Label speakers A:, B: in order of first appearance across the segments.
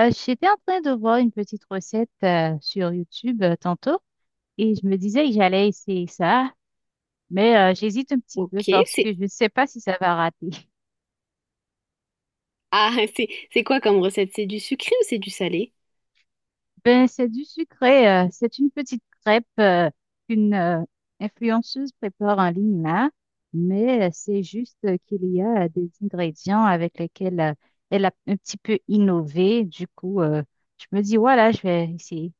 A: J'étais en train de voir une petite recette sur YouTube tantôt et je me disais que j'allais essayer ça, mais j'hésite un petit
B: Ok.
A: peu parce que je ne sais pas si ça va rater.
B: C'est quoi comme recette? C'est du sucré ou c'est du salé?
A: Ben, c'est du sucré, c'est une petite crêpe qu'une influenceuse prépare en ligne là, mais c'est juste qu'il y a des ingrédients avec lesquels elle a un petit peu innové. Du coup, je me dis, voilà, je vais essayer.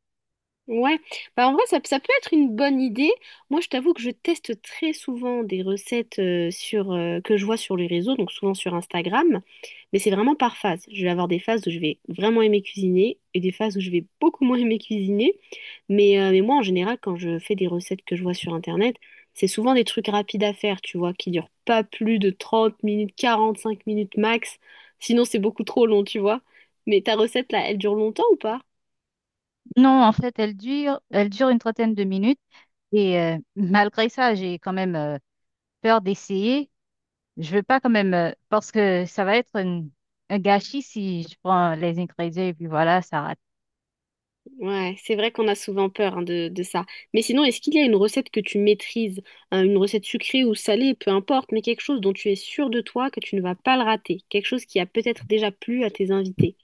B: Ouais, bah en vrai ça, ça peut être une bonne idée. Moi je t'avoue que je teste très souvent des recettes sur que je vois sur les réseaux, donc souvent sur Instagram. Mais c'est vraiment par phase. Je vais avoir des phases où je vais vraiment aimer cuisiner et des phases où je vais beaucoup moins aimer cuisiner. Mais moi, en général, quand je fais des recettes que je vois sur Internet, c'est souvent des trucs rapides à faire, tu vois, qui durent pas plus de 30 minutes, 45 minutes max. Sinon, c'est beaucoup trop long, tu vois. Mais ta recette, là, elle dure longtemps ou pas?
A: Non, en fait, elle dure une trentaine de minutes. Et malgré ça, j'ai quand même peur d'essayer. Je veux pas quand même, parce que ça va être un gâchis si je prends les ingrédients et puis voilà, ça rate.
B: Ouais, c'est vrai qu'on a souvent peur hein, de ça. Mais sinon, est-ce qu'il y a une recette que tu maîtrises, hein, une recette sucrée ou salée, peu importe, mais quelque chose dont tu es sûr de toi que tu ne vas pas le rater, quelque chose qui a peut-être déjà plu à tes invités?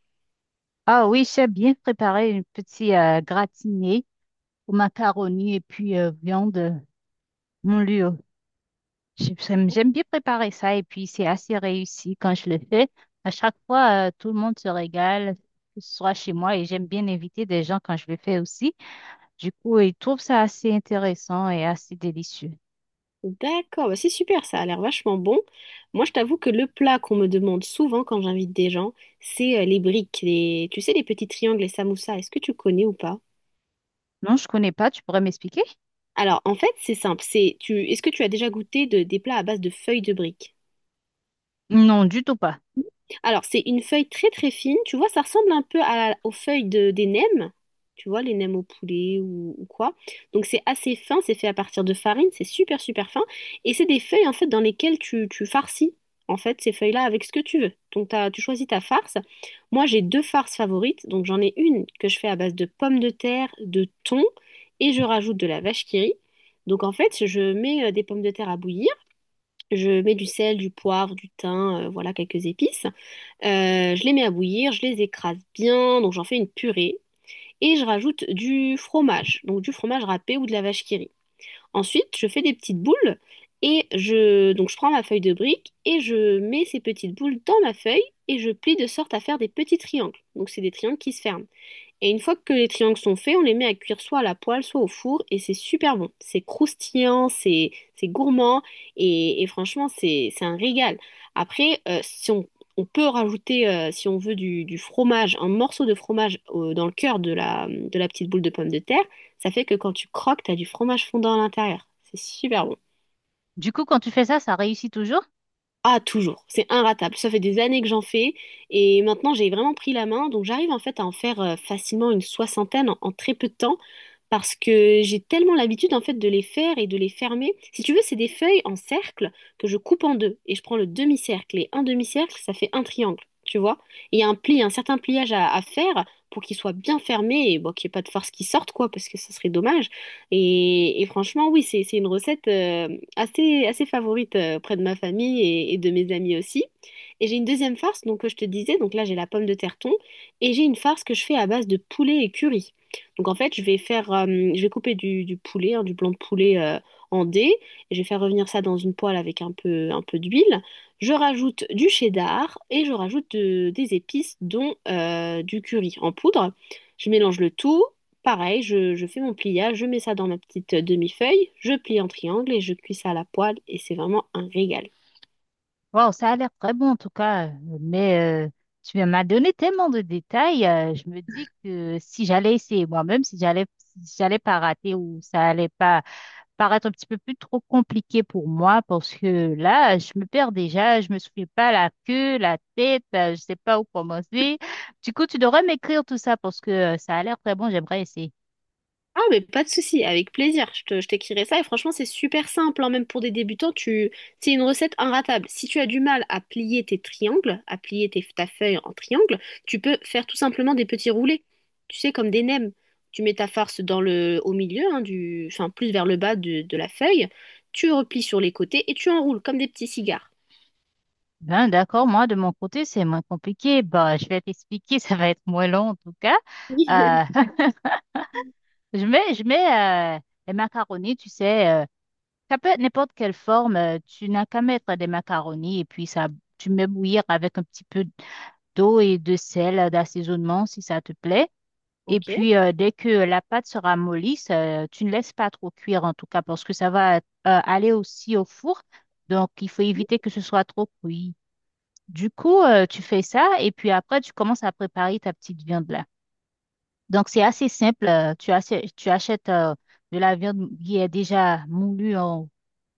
A: Ah oui, j'ai bien préparé une petite gratinée aux macaronis et puis viande moulure. J'aime bien préparer ça et puis c'est assez réussi quand je le fais. À chaque fois, tout le monde se régale, que ce soit chez moi et j'aime bien inviter des gens quand je le fais aussi. Du coup, ils trouvent ça assez intéressant et assez délicieux.
B: D'accord, bah c'est super, ça a l'air vachement bon. Moi, je t'avoue que le plat qu'on me demande souvent quand j'invite des gens, c'est les briques, tu sais, les petits triangles, les samoussas. Est-ce que tu connais ou pas?
A: Non, je connais pas. Tu pourrais m'expliquer?
B: Alors, en fait, c'est simple. Est-ce que tu as déjà goûté des plats à base de feuilles de briques?
A: Non, du tout pas.
B: Alors, c'est une feuille très très fine. Tu vois, ça ressemble un peu aux feuilles des nems. Tu vois, les nems au poulet ou quoi. Donc, c'est assez fin. C'est fait à partir de farine. C'est super super fin. Et c'est des feuilles en fait dans lesquelles tu farcis en fait ces feuilles-là avec ce que tu veux. Donc, tu choisis ta farce. Moi, j'ai deux farces favorites. Donc, j'en ai une que je fais à base de pommes de terre, de thon et je rajoute de la vache qui rit. Donc, en fait, je mets des pommes de terre à bouillir. Je mets du sel, du poivre, du thym, voilà quelques épices. Je les mets à bouillir, je les écrase bien, donc j'en fais une purée. Et je rajoute du fromage, donc du fromage râpé ou de la vache qui rit. Ensuite, je fais des petites boules et donc je prends ma feuille de brique et je mets ces petites boules dans ma feuille et je plie de sorte à faire des petits triangles. Donc c'est des triangles qui se ferment. Et une fois que les triangles sont faits, on les met à cuire soit à la poêle, soit au four, et c'est super bon. C'est croustillant, c'est gourmand, et franchement, c'est un régal. Après, si on peut rajouter, si on veut, du fromage, un morceau de fromage dans le cœur de la petite boule de pomme de terre, ça fait que quand tu croques, t'as du fromage fondant à l'intérieur. C'est super bon.
A: Du coup, quand tu fais ça, ça réussit toujours?
B: Ah, toujours. C'est inratable. Ça fait des années que j'en fais et maintenant j'ai vraiment pris la main. Donc j'arrive en fait à en faire facilement une soixantaine en très peu de temps parce que j'ai tellement l'habitude en fait de les faire et de les fermer. Si tu veux, c'est des feuilles en cercle que je coupe en deux et je prends le demi-cercle et un demi-cercle, ça fait un triangle, tu vois. Et il y a un pli, un certain pliage à faire pour qu'il soit bien fermé et bon, qu'il n'y ait pas de force qui sorte quoi parce que ça serait dommage. Et franchement, oui, c'est une recette assez favorite auprès de ma famille et de mes amis aussi. Et j'ai une deuxième farce, donc que je te disais, donc là j'ai la pomme de terre thon, et j'ai une farce que je fais à base de poulet et curry. Donc en fait, je vais faire, je vais couper du poulet, hein, du blanc de poulet en dés, et je vais faire revenir ça dans une poêle avec un peu d'huile. Je rajoute du cheddar et je rajoute des épices, dont du curry en poudre. Je mélange le tout. Pareil, je fais mon pliage, je mets ça dans ma petite demi-feuille, je plie en triangle et je cuis ça à la poêle et c'est vraiment un régal.
A: Waouh, ça a l'air très bon en tout cas. Mais tu m'as donné tellement de détails. Je me dis que si j'allais essayer moi-même, si j'allais, si j'allais pas rater ou ça allait pas paraître un petit peu plus trop compliqué pour moi, parce que là, je me perds déjà. Je me souviens pas la queue, la tête. Je sais pas où commencer. Du coup, tu devrais m'écrire tout ça parce que ça a l'air très bon. J'aimerais essayer.
B: Ah mais pas de souci, avec plaisir, je t'écrirai ça et franchement c'est super simple, hein, même pour des débutants, tu... c'est une recette inratable. Si tu as du mal à plier tes triangles, à plier ta feuille en triangle, tu peux faire tout simplement des petits roulés, tu sais, comme des nems. Tu mets ta farce dans le, au milieu, hein, du, enfin plus vers le bas de la feuille, tu replies sur les côtés et tu enroules comme des petits cigares.
A: Ben, d'accord, moi de mon côté c'est moins compliqué. Bah, je vais t'expliquer, ça va être moins long en tout cas. Euh, je mets les macaronis, tu sais, ça peut être n'importe quelle forme. Tu n'as qu'à mettre des macaronis et puis ça, tu mets bouillir avec un petit peu d'eau et de sel d'assaisonnement si ça te plaît. Et
B: Ok.
A: puis dès que la pâte sera mollisse, tu ne laisses pas trop cuire en tout cas parce que ça va aller aussi au four. Donc il faut éviter que ce soit trop cuit. Du coup, tu fais ça et puis après, tu commences à préparer ta petite viande là. Donc, c'est assez simple. Tu achètes de la viande qui est déjà moulue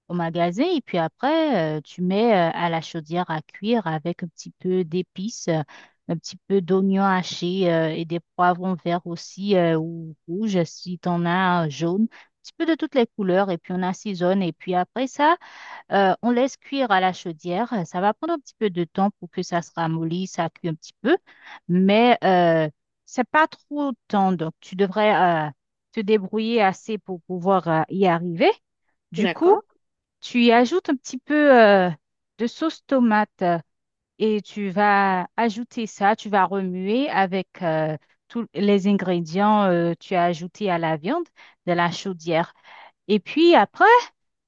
A: au magasin et puis après, tu mets à la chaudière à cuire avec un petit peu d'épices, un petit peu d'oignons hachés et des poivrons verts aussi ou rouges si tu en as jaune, un petit peu de toutes les couleurs et puis on assaisonne et puis après ça, on laisse cuire à la chaudière. Ça va prendre un petit peu de temps pour que ça se ramollisse, ça cuit un petit peu, mais c'est pas trop temps. Donc, tu devrais euh, te débrouiller assez pour pouvoir y arriver. Du coup,
B: D'accord.
A: tu y ajoutes un petit peu de sauce tomate et tu vas ajouter ça. Tu vas remuer avec tous les ingrédients tu as ajoutés à la viande de la chaudière. Et puis après,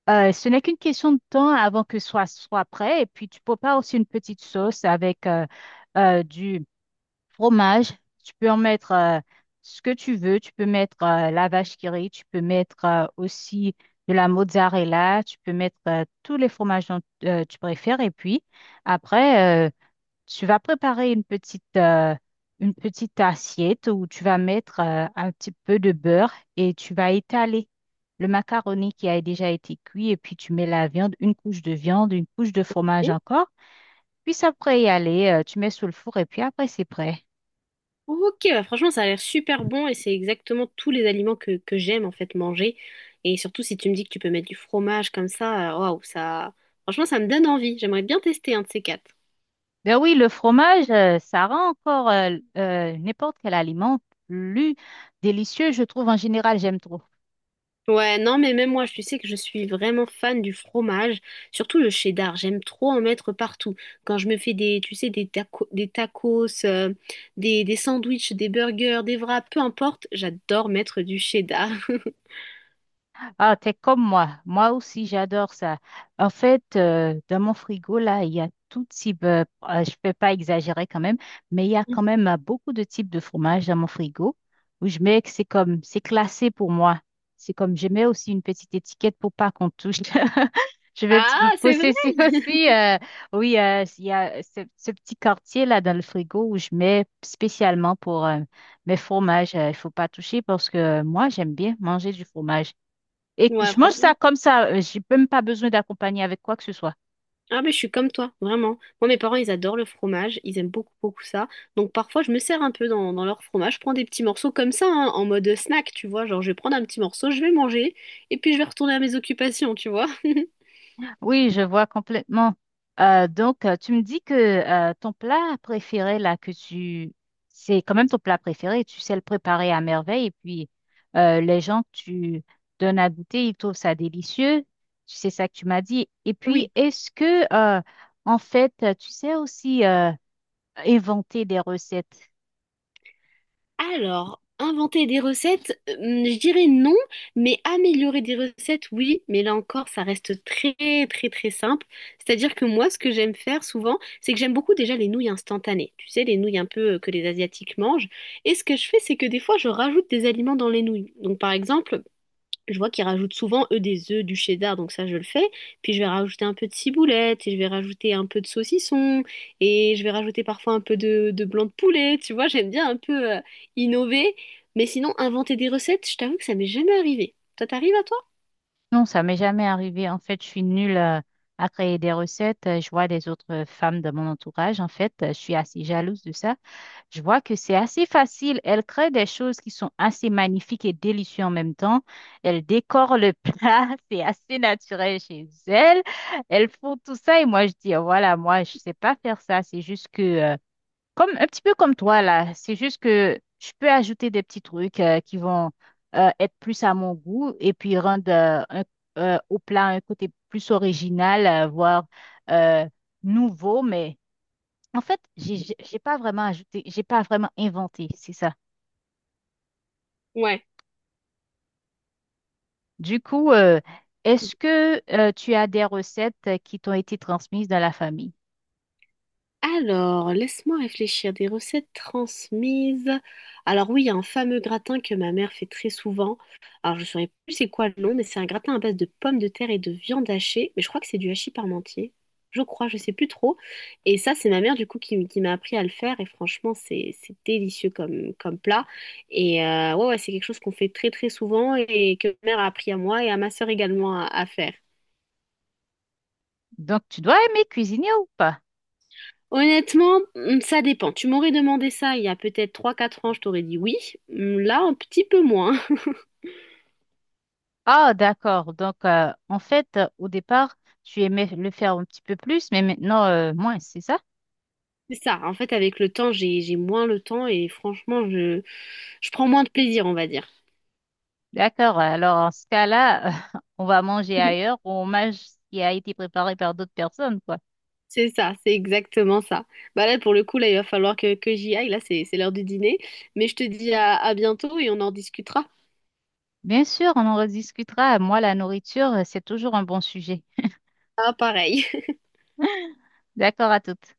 A: ce n'est qu'une question de temps avant que ce soit prêt. Et puis, tu prépares aussi une petite sauce avec du fromage. Tu peux en mettre ce que tu veux. Tu peux mettre la vache qui rit. Tu peux mettre aussi de la mozzarella. Tu peux mettre tous les fromages dont tu préfères. Et puis, après, tu vas préparer une petite assiette où tu vas mettre un petit peu de beurre et tu vas étaler le macaroni qui a déjà été cuit et puis tu mets la viande, une couche de viande, une couche de fromage
B: Ok,
A: encore. Puis après y aller, tu mets sous le four et puis après c'est prêt.
B: Ok, bah franchement, ça a l'air super bon et c'est exactement tous les aliments que j'aime en fait manger. Et surtout, si tu me dis que tu peux mettre du fromage comme ça, waouh, ça. Franchement, ça me donne envie. J'aimerais bien tester un de ces quatre.
A: Ben oui, le fromage, ça rend encore n'importe quel aliment plus délicieux, je trouve en général, j'aime trop.
B: Ouais, non, mais même moi, tu sais que je suis vraiment fan du fromage, surtout le cheddar. J'aime trop en mettre partout. Quand je me fais des, tu sais, des tacos, des sandwichs, des burgers, des wraps, peu importe, j'adore mettre du cheddar.
A: Ah, t'es comme moi. Moi aussi, j'adore ça. En fait, dans mon frigo, là, il y a tout type, ah, je peux pas exagérer quand même, mais il y a quand même beaucoup de types de fromages dans mon frigo où je mets que c'est comme, c'est classé pour moi. C'est comme, je mets aussi une petite étiquette pour pas qu'on touche. Je vais un petit peu
B: Ah, c'est vrai!
A: possessive aussi. Oui, il y a ce petit quartier là dans le frigo où je mets spécialement pour mes fromages. Il faut pas toucher parce que moi, j'aime bien manger du fromage. Et que
B: Ouais,
A: je mange ça
B: franchement.
A: comme ça. J'ai même pas besoin d'accompagner avec quoi que ce soit.
B: Ah ben je suis comme toi, vraiment. Moi mes parents ils adorent le fromage, ils aiment beaucoup beaucoup ça. Donc parfois je me sers un peu dans leur fromage, je prends des petits morceaux comme ça, hein, en mode snack, tu vois, genre je vais prendre un petit morceau, je vais manger, et puis je vais retourner à mes occupations, tu vois.
A: Oui, je vois complètement. Donc, tu me dis que ton plat préféré, là, que tu... C'est quand même ton plat préféré. Tu sais le préparer à merveille. Et puis, les gens que tu donnes à goûter, ils trouvent ça délicieux. Tu sais ça que tu m'as dit. Et puis,
B: Oui.
A: est-ce que, en fait, tu sais aussi inventer des recettes?
B: Alors, inventer des recettes, je dirais non, mais améliorer des recettes, oui, mais là encore, ça reste très, très, très simple. C'est-à-dire que moi, ce que j'aime faire souvent, c'est que j'aime beaucoup déjà les nouilles instantanées. Tu sais, les nouilles un peu que les Asiatiques mangent. Et ce que je fais, c'est que des fois, je rajoute des aliments dans les nouilles. Donc, par exemple, je vois qu'ils rajoutent souvent, eux, des œufs, du cheddar, donc ça, je le fais. Puis je vais rajouter un peu de ciboulette, et je vais rajouter un peu de saucisson, et je vais rajouter parfois un peu de blanc de poulet, tu vois, j'aime bien un peu innover. Mais sinon, inventer des recettes, je t'avoue que ça m'est jamais arrivé. Ça t'arrive à toi?
A: Non, ça m'est jamais arrivé. En fait, je suis nulle à créer des recettes. Je vois des autres femmes de mon entourage. En fait, je suis assez jalouse de ça. Je vois que c'est assez facile. Elles créent des choses qui sont assez magnifiques et délicieuses en même temps. Elles décorent le plat. C'est assez naturel chez elles. Elles font tout ça. Et moi, je dis, oh, voilà, moi, je sais pas faire ça. C'est juste que, comme, un petit peu comme toi, là. C'est juste que je peux ajouter des petits trucs qui vont être plus à mon goût et puis rendre au plat un côté plus original, voire euh, nouveau. Mais en fait, j'ai pas vraiment ajouté, j'ai pas vraiment inventé, c'est ça.
B: Ouais.
A: Du coup, est-ce que tu as des recettes qui t'ont été transmises dans la famille?
B: Alors, laisse-moi réfléchir. Des recettes transmises. Alors oui, il y a un fameux gratin que ma mère fait très souvent. Alors, je ne saurais plus c'est quoi le nom, mais c'est un gratin à base de pommes de terre et de viande hachée. Mais je crois que c'est du hachis parmentier. Je crois, je sais plus trop. Et ça, c'est ma mère du coup qui m'a appris à le faire. Et franchement, c'est délicieux comme plat. Et ouais, ouais, c'est quelque chose qu'on fait très très souvent et que ma mère a appris à moi et à ma sœur également à faire.
A: Donc, tu dois aimer cuisiner ou pas?
B: Honnêtement, ça dépend. Tu m'aurais demandé ça il y a peut-être 3 4 ans, je t'aurais dit oui. Là, un petit peu moins.
A: Ah, d'accord. Donc, en fait, au départ, tu aimais le faire un petit peu plus, mais maintenant, moins, c'est ça?
B: C'est ça. En fait, avec le temps, j'ai moins le temps et franchement, je prends moins de plaisir, on va dire.
A: D'accord. Alors, en ce cas-là, on va manger ailleurs ou on mange ce qui a été préparé par d'autres personnes, quoi.
B: C'est, ça, c'est exactement ça. Bah là, pour le coup, là, il va falloir que j'y aille. Là, c'est l'heure du dîner. Mais je te dis à bientôt et on en discutera.
A: Bien sûr, on en rediscutera. Moi, la nourriture, c'est toujours un bon sujet.
B: Ah, pareil.
A: D'accord à toutes.